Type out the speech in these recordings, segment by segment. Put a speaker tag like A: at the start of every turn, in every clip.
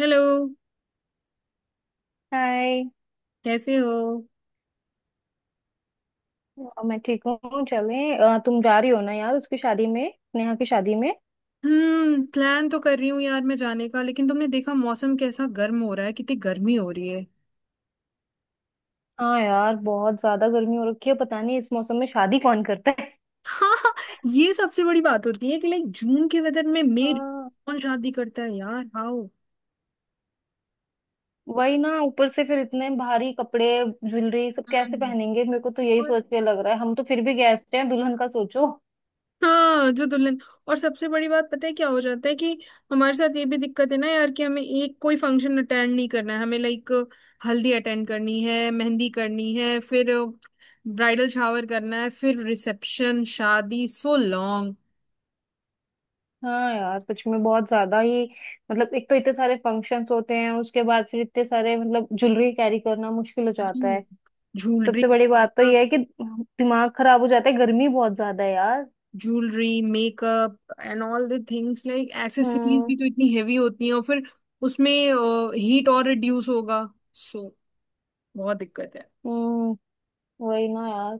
A: Hello.
B: Hi.
A: कैसे हो?
B: मैं ठीक हूँ। चलें तुम जा रही हो ना यार, उसकी शादी में, नेहा की शादी में।
A: हम्म, प्लान तो कर रही हूँ यार मैं जाने का। लेकिन तुमने देखा मौसम कैसा गर्म हो रहा है, कितनी गर्मी हो रही है।
B: हाँ यार, बहुत ज्यादा गर्मी हो रखी है। पता नहीं इस मौसम में शादी कौन करता है।
A: हाँ। ये सबसे बड़ी बात होती है कि लाइक जून के वेदर में मई
B: हाँ,
A: कौन शादी करता है यार, हाउ।
B: वही ना, ऊपर से फिर इतने भारी कपड़े ज्वेलरी सब कैसे
A: हाँ।
B: पहनेंगे। मेरे को तो यही सोच के लग रहा है, हम तो फिर भी गेस्ट हैं, दुल्हन का सोचो।
A: हाँ जो दुल्हन। और सबसे बड़ी बात पता है क्या हो जाता है कि हमारे साथ ये भी दिक्कत है ना यार, कि हमें एक कोई फंक्शन अटेंड नहीं करना है, हमें लाइक हल्दी अटेंड करनी है, मेहंदी करनी है, फिर ब्राइडल शावर करना है, फिर रिसेप्शन, शादी, सो लॉन्ग।
B: हाँ यार, सच में बहुत ज्यादा ही। मतलब एक तो इतने सारे फंक्शंस होते हैं, उसके बाद फिर इतने सारे मतलब ज्वेलरी कैरी करना मुश्किल हो जाता है।
A: ज्वेलरी
B: सबसे बड़ी बात तो यह
A: मेकअप।
B: है कि दिमाग खराब हो जाता है, गर्मी बहुत ज्यादा है यार।
A: Jewellery makeup and all the things. Like accessories
B: hmm.
A: भी तो इतनी हेवी होती हैं, और फिर उसमें हीट और रिड्यूस होगा। सो बहुत दिक्कत है।
B: हम्म, वही ना यार।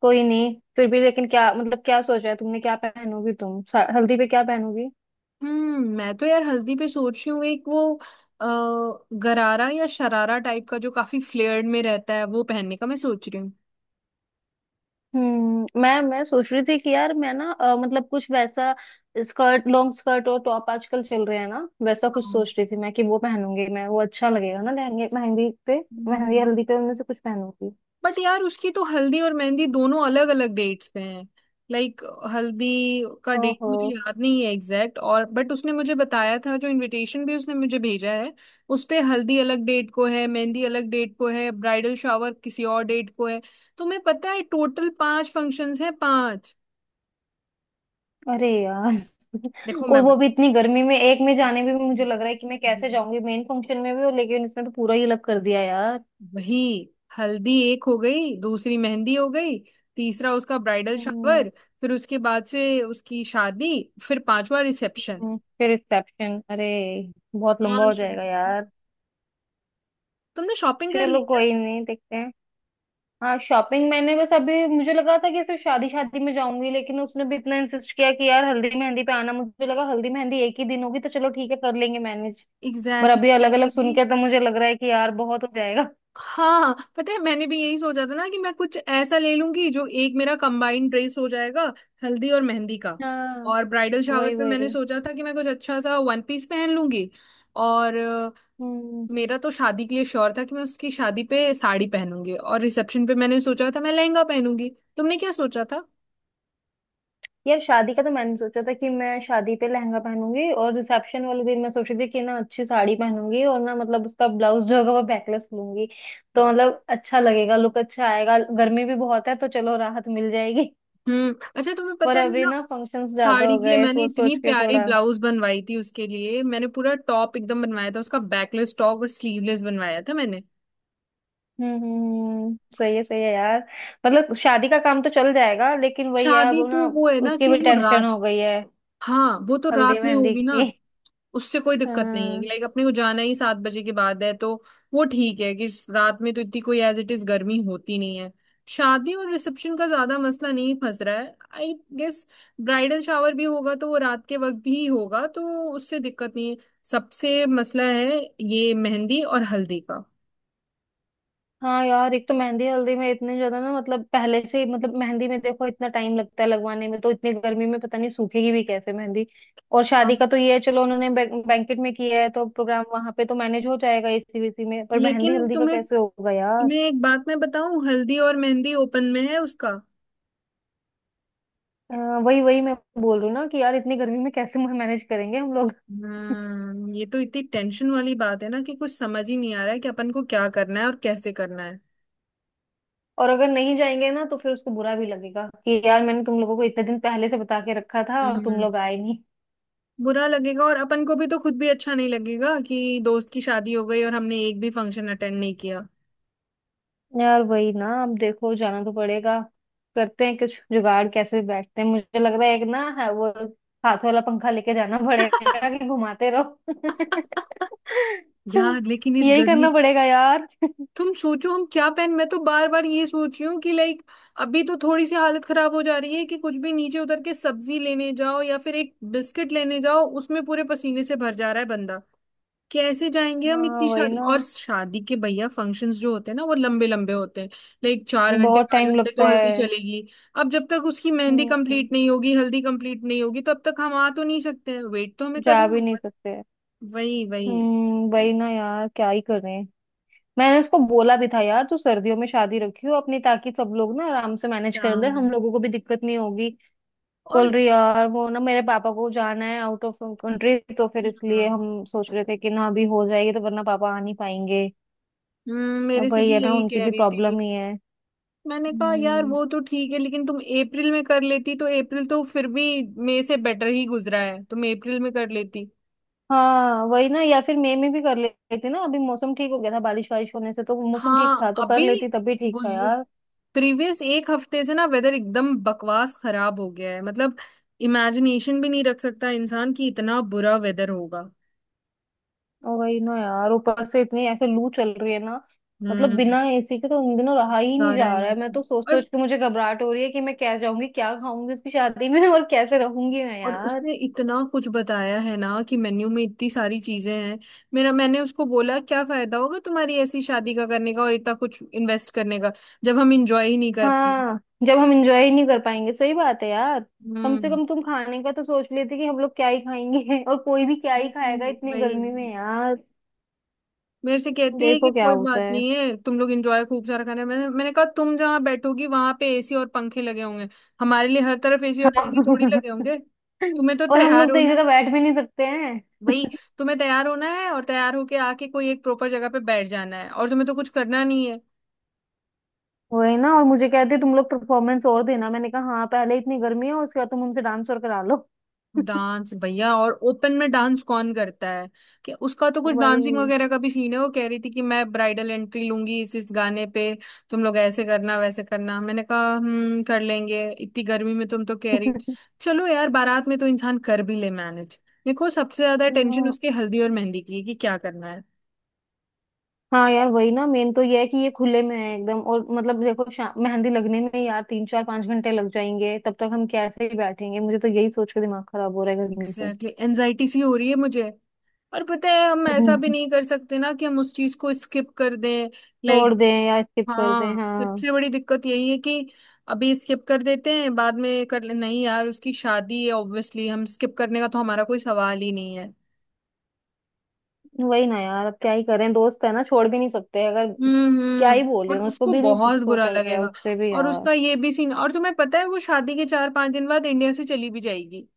B: कोई नहीं, फिर भी लेकिन क्या, मतलब क्या सोचा है तुमने, क्या पहनोगी तुम हल्दी पे क्या पहनोगी।
A: हम्म, मैं तो यार हल्दी पे सोच रही हूँ एक वो अ, गरारा या शरारा टाइप का जो काफी फ्लेयर्ड में रहता है, वो पहनने का मैं सोच रही हूँ।
B: हम्म, मैं सोच रही थी कि यार मैं ना मतलब कुछ वैसा स्कर्ट, लॉन्ग स्कर्ट और टॉप आजकल चल रहे हैं ना, वैसा कुछ
A: हाँ।
B: सोच रही थी मैं कि वो पहनूंगी मैं, वो अच्छा लगेगा ना लहंगे मेहंदी पे। मेहंदी
A: हम्म।
B: हल्दी पे उनमें से कुछ पहनूंगी।
A: बट यार उसकी तो हल्दी और मेहंदी दोनों अलग अलग डेट्स पे हैं। लाइक हल्दी का डेट
B: ओहो।
A: मुझे याद नहीं है एग्जैक्ट, और बट उसने मुझे बताया था, जो इनविटेशन भी उसने मुझे भेजा है उस पे हल्दी अलग डेट को है, मेहंदी अलग डेट को है, ब्राइडल शावर किसी और डेट को है। तो मैं पता है टोटल पांच फंक्शंस हैं, पांच।
B: अरे यार,
A: देखो मैं।
B: और वो भी इतनी गर्मी में, एक में जाने में भी मुझे लग रहा है कि मैं कैसे जाऊंगी मेन फंक्शन में भी, और लेकिन इसने तो पूरा ही अलग कर दिया यार।
A: वही। हल्दी एक हो गई, दूसरी मेहंदी हो गई, तीसरा उसका ब्राइडल
B: हम्म,
A: शावर, फिर उसके बाद से उसकी शादी, फिर पांचवा रिसेप्शन।
B: फिर रिसेप्शन, अरे बहुत लंबा
A: हाँ
B: हो जाएगा
A: शॉपिंग।
B: यार।
A: तुमने शॉपिंग कर ली
B: चलो
A: क्या?
B: कोई नहीं, देखते हैं। हाँ शॉपिंग मैंने बस, अभी मुझे लगा था कि सिर्फ शादी, शादी में जाऊंगी, लेकिन उसने भी इतना इंसिस्ट किया कि यार हल्दी मेहंदी पे आना। मुझे लगा हल्दी मेहंदी एक ही दिन होगी तो चलो ठीक है, कर लेंगे मैनेज। पर
A: एग्जैक्टली
B: अभी
A: exactly,
B: अलग
A: मैंने
B: अलग सुन
A: भी।
B: के तो मुझे लग रहा है कि यार बहुत हो जाएगा।
A: हाँ पता है, मैंने भी यही सोचा था ना कि मैं कुछ ऐसा ले लूंगी जो एक मेरा कंबाइंड ड्रेस हो जाएगा हल्दी और मेहंदी का।
B: हाँ,
A: और ब्राइडल शावर
B: वही
A: पे मैंने
B: वही।
A: सोचा था कि मैं कुछ अच्छा सा वन पीस पहन लूंगी। और
B: हम्म,
A: मेरा तो शादी के लिए श्योर था कि मैं उसकी शादी पे साड़ी पहनूंगी, और रिसेप्शन पे मैंने सोचा था मैं लहंगा पहनूंगी। तुमने क्या सोचा था?
B: यार शादी का तो मैंने सोचा था कि मैं शादी पे लहंगा पहनूंगी और रिसेप्शन वाले दिन मैं सोच रही थी कि ना अच्छी साड़ी पहनूंगी और ना मतलब उसका ब्लाउज जो होगा वो बैकलेस लूंगी। तो
A: वाह।
B: मतलब अच्छा लगेगा, लुक अच्छा आएगा, गर्मी भी बहुत है तो चलो राहत मिल जाएगी।
A: हम्म, अच्छा तुम्हें पता
B: पर
A: है मैं
B: अभी
A: ना
B: ना फंक्शंस ज्यादा
A: साड़ी
B: हो
A: के लिए
B: गए,
A: मैंने
B: सोच
A: इतनी
B: सोच के
A: प्यारी
B: थोड़ा।
A: ब्लाउज बनवाई थी, उसके लिए मैंने पूरा टॉप एकदम बनवाया था, उसका बैकलेस टॉप और स्लीवलेस बनवाया था मैंने।
B: हम्म। सही है यार। मतलब शादी का काम तो चल जाएगा, लेकिन वही है
A: शादी
B: अब
A: तो
B: ना,
A: वो है ना
B: उसकी
A: कि
B: भी
A: वो
B: टेंशन
A: रात।
B: हो गई है,
A: हाँ वो तो
B: हल्दी
A: रात में
B: मेहंदी
A: होगी ना।
B: की।
A: उससे कोई दिक्कत नहीं है।
B: हाँ,
A: लाइक अपने को जाना ही 7 बजे के बाद है, तो वो ठीक है कि रात में तो इतनी कोई एज इट इज गर्मी होती नहीं है। शादी और रिसेप्शन का ज्यादा मसला नहीं फंस रहा है आई गेस। ब्राइडल शावर भी होगा तो वो रात के वक्त भी होगा तो उससे दिक्कत नहीं है। सबसे मसला है ये मेहंदी और हल्दी का।
B: हाँ यार, एक तो मेहंदी हल्दी में इतने ज्यादा ना, मतलब पहले से ही मतलब, मेहंदी में देखो इतना टाइम लगता है लगवाने में, तो इतनी गर्मी में पता नहीं सूखेगी भी कैसे मेहंदी। और
A: हाँ
B: शादी का तो ये है, चलो उन्होंने बैंकेट में किया है तो प्रोग्राम वहां पे तो मैनेज हो जाएगा एसी वीसी में, पर मेहंदी
A: लेकिन
B: हल्दी का
A: तुम्हें।
B: कैसे होगा यार।
A: तुम्हें एक बात मैं बताऊं, हल्दी और मेहंदी ओपन में है उसका।
B: अ, वही वही मैं बोल रही हूँ ना कि यार इतनी गर्मी में कैसे मैनेज करेंगे हम लोग।
A: हम्म, ये तो इतनी टेंशन वाली बात है ना कि कुछ समझ ही नहीं आ रहा है कि अपन को क्या करना है और कैसे करना है।
B: और अगर नहीं जाएंगे ना तो फिर उसको बुरा भी लगेगा कि यार, मैंने तुम लोगों को इतने दिन पहले से बता के रखा था और तुम
A: हम्म,
B: लोग आए नहीं।
A: बुरा लगेगा, और अपन को भी तो, खुद भी अच्छा नहीं लगेगा कि दोस्त की शादी हो गई और हमने एक भी फंक्शन अटेंड नहीं किया।
B: यार वही ना, अब देखो जाना तो पड़ेगा। करते हैं कुछ जुगाड़, कैसे बैठते हैं। मुझे लग रहा है एक ना है वो हाथ वाला पंखा लेके जाना पड़ेगा कि घुमाते रहो।
A: यार लेकिन इस
B: यही
A: गर्मी।
B: करना पड़ेगा यार।
A: तुम सोचो हम क्या पहन मैं तो बार बार ये सोच रही हूँ कि लाइक अभी तो थोड़ी सी हालत खराब हो जा रही है कि कुछ भी नीचे उतर के सब्जी लेने जाओ या फिर एक बिस्किट लेने जाओ, उसमें पूरे पसीने से भर जा रहा है। कैसे जाएंगे हम
B: हाँ
A: इतनी
B: वही
A: शादी,
B: ना।
A: और शादी के भैया फंक्शंस जो होते हैं ना वो लंबे लंबे होते हैं। लाइक चार घंटे
B: बहुत
A: पांच
B: टाइम
A: घंटे
B: लगता
A: तो हल्दी
B: है।
A: चलेगी। अब जब तक उसकी मेहंदी
B: हम्म,
A: कंप्लीट नहीं होगी, हल्दी कंप्लीट नहीं होगी, तब तक हम आ तो नहीं सकते हैं, वेट तो हमें
B: जा
A: करना
B: भी नहीं
A: होगा।
B: सकते।
A: वही वही
B: हम्म, वही ना यार, क्या ही करें। मैंने उसको बोला भी था यार, तू सर्दियों में शादी रखियो अपनी, ताकि सब लोग ना आराम से मैनेज कर ले,
A: काम
B: हम लोगों को भी दिक्कत नहीं होगी।
A: और।
B: बोल रही यार वो ना मेरे पापा को जाना है आउट ऑफ कंट्री, तो फिर
A: हाँ
B: इसलिए हम सोच रहे थे कि ना अभी हो जाएगी तो, वरना पापा आ नहीं पाएंगे।
A: मेरे
B: अब
A: से
B: वही है
A: भी
B: ना,
A: यही
B: उनकी
A: कह
B: भी
A: रही थी।
B: प्रॉब्लम ही है।
A: मैंने कहा यार
B: हम्म,
A: वो तो ठीक है लेकिन तुम अप्रैल में कर लेती तो अप्रैल तो फिर भी मई से बेटर ही गुजरा है, तुम अप्रैल में कर लेती।
B: हाँ वही ना, या फिर मई में भी कर लेती ना, अभी मौसम ठीक हो गया था, बारिश वारिश होने से तो मौसम ठीक
A: हाँ
B: था, तो कर
A: अभी
B: लेती तब भी ठीक था
A: गुज
B: यार।
A: प्रीवियस एक हफ्ते से ना वेदर एकदम बकवास खराब हो गया है। मतलब इमेजिनेशन भी नहीं रख सकता इंसान कि इतना बुरा वेदर होगा।
B: और वही ना यार, ऊपर से इतनी ऐसे लू चल रही है ना। मतलब
A: हम्म,
B: बिना एसी के तो उन दिनों रहा ही
A: बता
B: नहीं जा
A: रहा है
B: रहा है।
A: ये।
B: मैं तो सोच
A: और।
B: सोच के मुझे घबराहट हो रही है कि मैं क्या जाऊंगी, क्या खाऊंगी इसकी शादी में और कैसे रहूंगी मैं।
A: और उसने इतना कुछ बताया है ना कि मेन्यू में इतनी सारी चीजें हैं। मेरा मैंने उसको बोला क्या फायदा होगा तुम्हारी ऐसी शादी का करने का और इतना कुछ इन्वेस्ट करने का, जब हम इंजॉय ही नहीं कर पाए।
B: हाँ, जब हम एंजॉय ही नहीं कर पाएंगे, सही बात है यार। कम से
A: हम्म।
B: कम तुम खाने का तो सोच लेते कि हम लोग क्या ही खाएंगे, और कोई भी क्या ही खाएगा इतनी
A: वही
B: गर्मी में यार।
A: मेरे से कहती है कि
B: देखो क्या
A: कोई
B: होता
A: बात
B: है।
A: नहीं है, तुम लोग एंजॉय खूब सारा करना। मैंने मैंने कहा तुम जहाँ बैठोगी वहां पे एसी और पंखे लगे होंगे, हमारे लिए हर तरफ एसी और पंखे थोड़ी
B: हाँ।
A: लगे होंगे। तुम्हें तो
B: और हम
A: तैयार
B: लोग तो एक
A: होना है।
B: जगह बैठ भी नहीं सकते हैं।
A: वही। तुम्हें तैयार होना है और तैयार होके आके कोई एक प्रॉपर जगह पे बैठ जाना है, और तुम्हें तो कुछ करना नहीं है।
B: वही ना, और मुझे कहते तुम लोग परफॉर्मेंस और देना। मैंने कहा हाँ, पहले इतनी गर्मी है, उसके बाद तुम हमसे डांस और करा लो।
A: डांस भैया, और ओपन में डांस कौन करता है? कि उसका तो कुछ
B: वही।
A: डांसिंग वगैरह का भी सीन है, वो कह रही थी कि मैं ब्राइडल एंट्री लूंगी इस गाने पे। तुम लोग ऐसे करना वैसे करना। मैंने कहा हम कर लेंगे इतनी गर्मी में, तुम तो कह रही। चलो यार बारात में तो इंसान कर भी ले मैनेज। देखो सबसे ज्यादा टेंशन
B: हाँ,
A: उसकी हल्दी और मेहंदी की है कि क्या करना है।
B: हाँ यार वही ना, मेन तो ये है कि ये खुले में है एकदम, और मतलब देखो मेहंदी लगने में यार तीन चार पांच घंटे लग जाएंगे, तब तक हम कैसे ही बैठेंगे। मुझे तो यही सोच के दिमाग खराब हो रहा है गर्मी से।
A: Exactly exactly. एनजाइटी सी हो रही है मुझे, और पता है हम ऐसा भी
B: हम्म।
A: नहीं कर सकते ना कि हम उस चीज को स्किप कर दें।
B: छोड़
A: लाइक।
B: दें या स्किप कर दें,
A: हाँ
B: हाँ।
A: सबसे बड़ी दिक्कत यही है कि अभी स्किप कर देते हैं बाद में कर ले, नहीं यार उसकी शादी है, ऑब्वियसली हम स्किप करने का तो हमारा कोई सवाल ही नहीं है।
B: वही ना यार, अब क्या ही करें, दोस्त है ना, छोड़ भी नहीं सकते अगर। क्या
A: हम्म,
B: ही बोले,
A: और
B: उसको
A: उसको
B: भी नहीं
A: बहुत बुरा
B: सोचा गया
A: लगेगा।
B: उससे भी
A: और
B: यार।
A: उसका ये भी सीन, और तुम्हें पता है वो शादी के 4 5 दिन बाद इंडिया से चली भी जाएगी।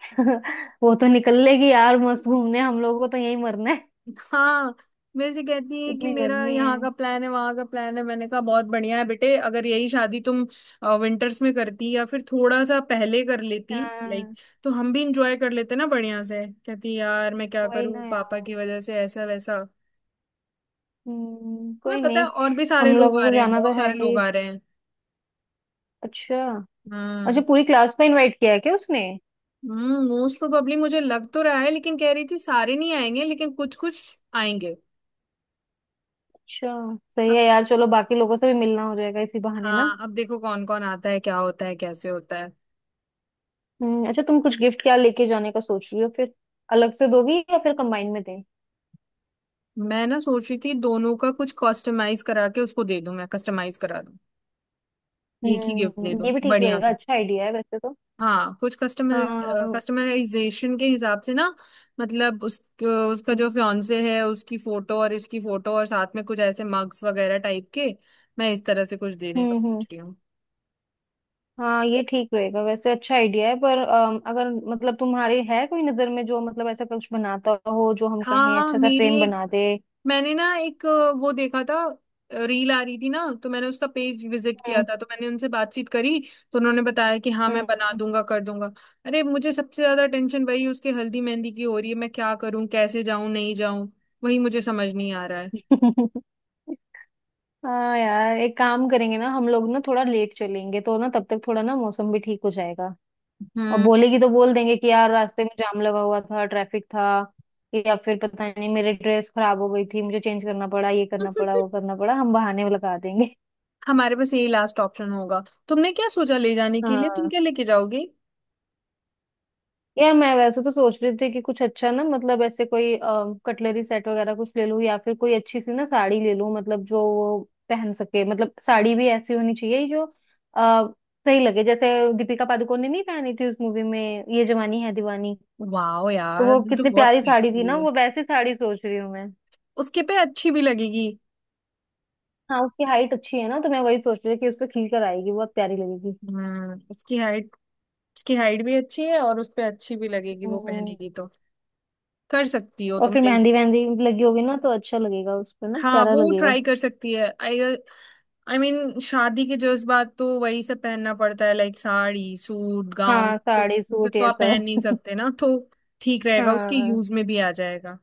B: वो तो निकल लेगी यार मस्त घूमने, हम लोगों को तो यहीं मरना है।
A: हाँ मेरे से कहती है कि
B: इतनी
A: मेरा
B: गर्मी है।
A: यहाँ का प्लान है वहाँ का प्लान है, मैंने कहा बहुत बढ़िया है बेटे। अगर यही शादी तुम विंटर्स में करती या फिर थोड़ा सा पहले कर लेती लाइक,
B: हाँ
A: तो हम भी इंजॉय कर लेते ना बढ़िया से। कहती यार मैं क्या
B: वही
A: करूँ
B: ना
A: पापा
B: यार।
A: की वजह से ऐसा वैसा। तुम्हें
B: कोई
A: पता है
B: नहीं।
A: और भी सारे
B: हम
A: लोग
B: लोगों
A: आ
B: को
A: रहे हैं,
B: जाना तो
A: बहुत
B: है
A: सारे
B: ही।
A: लोग आ रहे हैं।
B: अच्छा। अच्छा,
A: हाँ।
B: पूरी क्लास को इनवाइट किया है क्या उसने।
A: हम्म, मोस्ट प्रोबेबली मुझे लग तो रहा है, लेकिन कह रही थी सारे नहीं आएंगे लेकिन कुछ कुछ आएंगे।
B: अच्छा, सही
A: अब।
B: है यार, चलो बाकी लोगों से भी मिलना हो जाएगा इसी बहाने ना।
A: हाँ अब देखो कौन कौन आता है, क्या होता है, कैसे होता है।
B: हम्म, अच्छा तुम कुछ गिफ्ट क्या लेके जाने का सोच रही हो फिर। अलग से दोगी या फिर कंबाइन में दें।
A: मैं ना सोच रही थी दोनों का कुछ कस्टमाइज करा के उसको दे दूं, मैं कस्टमाइज करा दूं एक ही गिफ्ट दे
B: हम्म,
A: दूं
B: ये भी ठीक
A: बढ़िया
B: रहेगा,
A: सा।
B: अच्छा आइडिया है वैसे तो।
A: हाँ कुछ कस्टमर
B: हाँ। हम्म।
A: कस्टमाइजेशन के हिसाब से ना। मतलब उस उसका जो फियांसे है उसकी फोटो और इसकी फोटो और साथ में कुछ ऐसे मग्स वगैरह टाइप के। मैं इस तरह से कुछ देने का
B: हम्म।
A: सोच रही हूँ।
B: हाँ ये ठीक रहेगा, वैसे अच्छा आइडिया है, पर अगर मतलब तुम्हारे है कोई नजर में जो मतलब ऐसा कुछ बनाता हो जो हम
A: हाँ
B: कहें
A: हाँ
B: अच्छा सा
A: मेरी
B: फ्रेम
A: एक
B: बना दे।
A: मैंने ना एक वो देखा था। रील आ रही थी ना तो मैंने उसका पेज विजिट किया
B: हम्म।
A: था, तो मैंने उनसे बातचीत करी। तो उन्होंने बताया कि हाँ मैं बना
B: हम्म।
A: दूंगा कर दूंगा। अरे मुझे सबसे ज्यादा टेंशन वही उसके हल्दी मेहंदी की हो रही है, मैं क्या करूं कैसे जाऊं नहीं जाऊं। वही मुझे समझ नहीं आ रहा है।
B: हाँ यार, एक काम करेंगे ना हम लोग, ना थोड़ा लेट चलेंगे तो ना, तब तक थोड़ा ना मौसम भी ठीक हो जाएगा। और
A: हम्म।
B: बोलेगी तो बोल देंगे कि यार रास्ते में जाम लगा हुआ था, ट्रैफिक था, या फिर पता नहीं मेरी ड्रेस खराब हो गई थी, मुझे चेंज करना पड़ा, ये करना पड़ा, वो करना पड़ा, हम बहाने लगा देंगे।
A: हमारे पास यही लास्ट ऑप्शन होगा। तुमने क्या सोचा ले जाने के लिए, तुम
B: हाँ
A: क्या लेके जाओगे?
B: यार, मैं वैसे तो सोच रही थी कि कुछ अच्छा ना, मतलब ऐसे कोई कटलरी सेट वगैरह कुछ ले लूं, या फिर कोई अच्छी सी ना साड़ी ले लूं, मतलब जो वो पहन सके, मतलब साड़ी भी ऐसी होनी चाहिए जो आ, सही लगे, जैसे दीपिका पादुकोण ने नहीं पहनी थी उस मूवी में, ये जवानी है दीवानी।
A: वाह
B: तो
A: यार
B: वो
A: ये तो
B: कितनी
A: बहुत
B: प्यारी साड़ी थी
A: सेक्सी
B: ना,
A: है।
B: वो वैसी साड़ी सोच रही हूँ मैं।
A: उसके पे अच्छी भी लगेगी।
B: हाँ उसकी हाइट अच्छी है ना, तो मैं वही सोच रही थी कि उस पर खिल कर आएगी, बहुत प्यारी लगेगी।
A: हम्म, उसकी हाइट। उसकी हाइट भी अच्छी है और उस पे अच्छी भी लगेगी वो
B: हम्म।
A: पहनेगी तो। कर सकती हो
B: और
A: तुम
B: फिर
A: नहीं।
B: मेहंदी वहंदी लगी होगी ना तो अच्छा लगेगा उस पर ना,
A: हाँ
B: प्यारा
A: वो
B: लगेगा।
A: ट्राई कर सकती है। आई। आई मीन शादी के जज्बात तो वही सब पहनना पड़ता है लाइक साड़ी सूट गाउन
B: हाँ
A: तो।
B: साड़ी
A: वो सब
B: सूट
A: तो
B: ये
A: आप पहन
B: सब।
A: नहीं सकते ना, तो ठीक रहेगा उसकी
B: हाँ
A: यूज में भी आ जाएगा।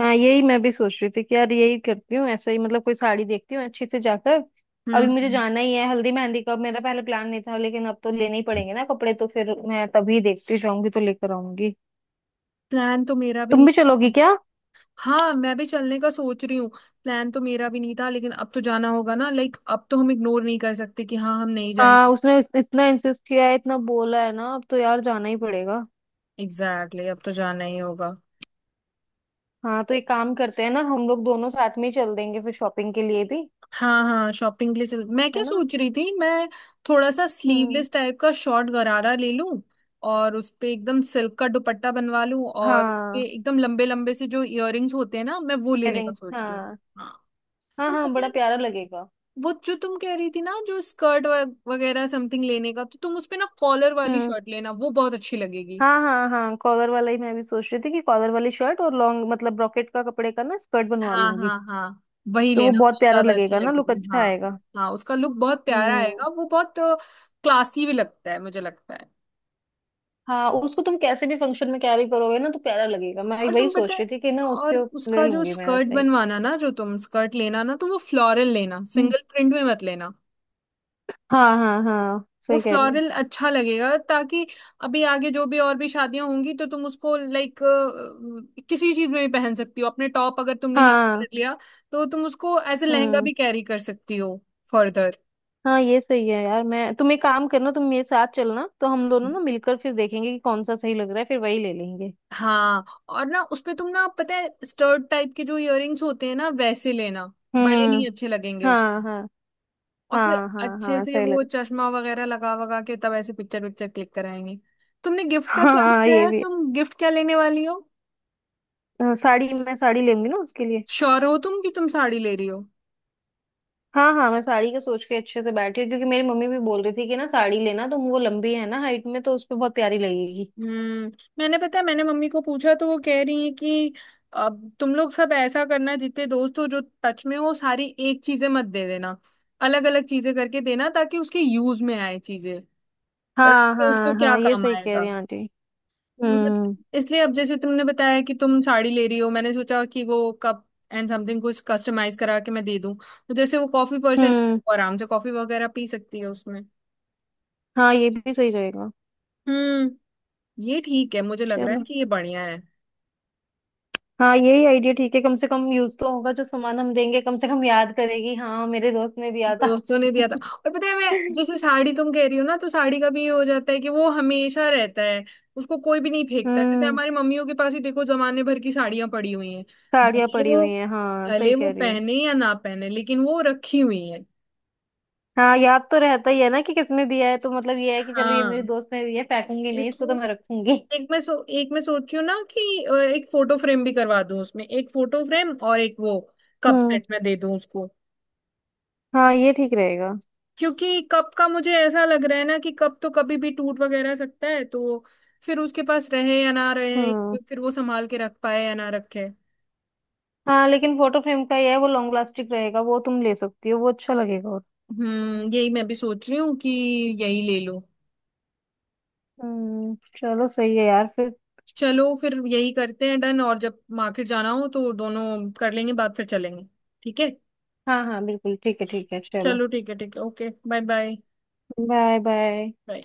B: हाँ यही मैं भी सोच रही थी कि यार यही करती हूँ, ऐसा ही मतलब कोई साड़ी देखती हूँ अच्छी से जाकर। अभी मुझे
A: हम्म,
B: जाना ही है हल्दी मेहंदी का, मेरा पहले प्लान नहीं था, लेकिन अब तो लेने ही पड़ेंगे ना कपड़े, तो फिर मैं तभी देखती जाऊंगी तो लेकर आऊंगी।
A: प्लान तो मेरा भी
B: तुम
A: नहीं
B: भी
A: था।
B: चलोगी क्या।
A: हाँ मैं भी चलने का सोच रही हूँ। प्लान तो मेरा भी नहीं था लेकिन अब तो जाना होगा ना, लाइक अब तो हम इग्नोर नहीं कर सकते कि हाँ हम नहीं
B: हाँ
A: जाएंगे।
B: उसने इतना इंसिस्ट किया है, इतना बोला है ना, अब तो यार जाना ही पड़ेगा।
A: एग्जैक्टली exactly, अब तो जाना ही होगा।
B: हाँ तो एक काम करते हैं ना, हम लोग दोनों साथ में ही चल देंगे फिर शॉपिंग के लिए भी।
A: हाँ हाँ शॉपिंग के लिए चल। मैं क्या
B: है ना।
A: सोच रही थी मैं थोड़ा सा
B: हम्म।
A: स्लीवलेस टाइप का शॉर्ट गरारा ले लूं, और उस पे एकदम सिल्क का दुपट्टा बनवा लूं, और उस पे
B: हाँ,
A: एकदम लंबे लंबे से जो इयररिंग्स होते हैं ना मैं वो लेने का
B: इयररिंग्स
A: सोच रही हूँ।
B: हाँ।
A: हाँ
B: हाँ
A: तुम
B: हाँ
A: पता
B: बड़ा
A: है
B: प्यारा लगेगा।
A: वो जो तुम कह रही थी ना जो स्कर्ट वगैरह समथिंग लेने का, तो तुम उस पे ना कॉलर वाली
B: हम्म।
A: शर्ट लेना, वो बहुत अच्छी लगेगी।
B: हाँ हाँ हाँ, कॉलर वाला ही मैं भी सोच रही थी, कि कॉलर वाली शर्ट और लॉन्ग मतलब ब्रॉकेट का कपड़े का ना स्कर्ट बनवा
A: हाँ
B: लूंगी।
A: हाँ हाँ, वही
B: तो वो
A: लेना,
B: बहुत
A: वो
B: प्यारा
A: ज्यादा अच्छी
B: लगेगा ना, लुक
A: लगेगी।
B: अच्छा
A: हाँ
B: आएगा।
A: हाँ, उसका लुक बहुत प्यारा
B: हम्म।
A: आएगा, वो बहुत क्लासी भी लगता है मुझे लगता है।
B: हाँ, उसको तुम कैसे भी फंक्शन में कैरी करोगे ना तो प्यारा लगेगा, मैं
A: और
B: वही
A: तुम पता
B: सोच रही
A: है,
B: थी कि ना
A: और
B: उसके। ले
A: उसका जो
B: लूंगी मैं
A: स्कर्ट
B: वैसे ही।
A: बनवाना ना, जो तुम स्कर्ट लेना ना, तो वो फ्लोरल लेना,
B: हम्म,
A: सिंगल प्रिंट में मत लेना।
B: हाँ हाँ हाँ
A: वो
B: सही कह रहे हो।
A: फ्लोरल अच्छा लगेगा ताकि अभी आगे जो भी और भी शादियां होंगी तो तुम उसको लाइक किसी चीज में भी पहन सकती हो। अपने टॉप अगर तुमने हैवी
B: हाँ।
A: कर लिया, तो तुम उसको एज ए लहंगा
B: हम्म।
A: भी कैरी कर सकती हो फर्दर।
B: हाँ ये सही है यार, मैं तुम एक काम करना, तुम मेरे साथ चलना, तो हम दोनों ना मिलकर फिर देखेंगे कि कौन सा सही लग रहा है, फिर वही ले लेंगे।
A: हाँ और ना उसमें तुम ना पता है स्टर्ड टाइप के जो इयररिंग्स होते हैं ना वैसे लेना, बड़े
B: हम्म।
A: नहीं अच्छे लगेंगे
B: हाँ
A: उसमें।
B: हाँ
A: और फिर
B: हाँ। हाँ
A: अच्छे
B: हाँ,
A: से
B: सही
A: वो
B: लग
A: चश्मा वगैरह लगा वगा के तब ऐसे पिक्चर विक्चर क्लिक कराएंगे। तुमने गिफ्ट का क्या
B: हाँ ये
A: बताया,
B: भी
A: तुम गिफ्ट क्या लेने वाली हो?
B: है। साड़ी, मैं साड़ी लूंगी ना उसके लिए।
A: श्योर हो तुम कि तुम साड़ी ले रही हो?
B: हाँ हाँ, मैं साड़ी का सोच के अच्छे से बैठी हूँ, क्योंकि मेरी मम्मी भी बोल रही थी कि ना साड़ी लेना, तो वो लंबी है ना हाइट में, तो उस पे बहुत प्यारी लगेगी।
A: हम्म, मैंने पता है मैंने मम्मी को पूछा, तो वो कह रही है कि अब तुम लोग सब ऐसा करना, जितने दोस्त हो जो टच में हो, सारी एक चीजें मत दे देना, अलग अलग चीजें करके देना ताकि उसके यूज में आए। चीजें रख
B: हाँ
A: के उसको
B: हाँ
A: क्या
B: हाँ, ये
A: काम
B: सही कह रही
A: आएगा।
B: हैं आंटी।
A: मत-
B: हम्म।
A: इसलिए अब जैसे तुमने बताया कि तुम साड़ी ले रही हो, मैंने सोचा कि वो कप एंड समथिंग कुछ कस्टमाइज करा के मैं दे दूं, तो जैसे वो कॉफी पर्सन,
B: हम्म।
A: आराम से कॉफी वगैरह पी सकती है उसमें।
B: हाँ ये भी सही रहेगा।
A: हम्म। ये ठीक है मुझे लग रहा है
B: चलो।
A: कि ये बढ़िया है।
B: हाँ यही आइडिया ठीक है, कम से कम यूज तो होगा जो सामान हम देंगे, कम से कम याद करेगी हाँ मेरे दोस्त ने दिया था।
A: दोस्तों ने दिया था। और पता है मैं जैसे साड़ी तुम कह रही हो ना, तो साड़ी का भी ये हो जाता है कि वो हमेशा रहता है, उसको कोई भी नहीं फेंकता। जैसे
B: हम्म।
A: हमारी मम्मियों के पास ही देखो, जमाने भर की साड़ियां पड़ी हुई हैं।
B: साड़ियाँ
A: भले
B: पड़ी
A: वो।
B: हुई हैं, हाँ सही
A: भले वो
B: कह रही हो।
A: पहने या ना पहने लेकिन वो रखी हुई है।
B: हाँ याद तो रहता ही है ना कि किसने दिया है, तो मतलब ये है कि चलो ये मेरी
A: हाँ।
B: दोस्त ने दिया है, फेंकूंगी नहीं इसको, तो
A: इसलिए
B: मैं रखूंगी।
A: एक मैं सोच रही हूँ ना कि एक फोटो फ्रेम भी करवा दूं उसमें, एक फोटो फ्रेम और एक वो कप
B: हम्म।
A: सेट में दे दूं उसको।
B: हाँ ये ठीक रहेगा।
A: क्योंकि कप का मुझे ऐसा लग रहा है ना कि कप तो कभी भी टूट वगैरह सकता है, तो फिर उसके पास रहे या ना रहे,
B: हम्म।
A: फिर वो संभाल के रख पाए या ना रखे।
B: हाँ लेकिन फोटो फ्रेम का ये है, वो लॉन्ग लास्टिक रहेगा, वो तुम ले सकती हो, वो अच्छा लगेगा और।
A: हम्म, यही मैं भी सोच रही हूँ कि यही ले लो।
B: हम्म। चलो सही है यार फिर।
A: चलो फिर यही करते हैं डन, और जब मार्केट जाना हो तो दोनों कर लेंगे बात, फिर चलेंगे। ठीक है?
B: हाँ हाँ, बिल्कुल ठीक है, ठीक है चलो।
A: चलो ठीक है, ठीक है, okay bye bye.
B: Bye bye.
A: Bye.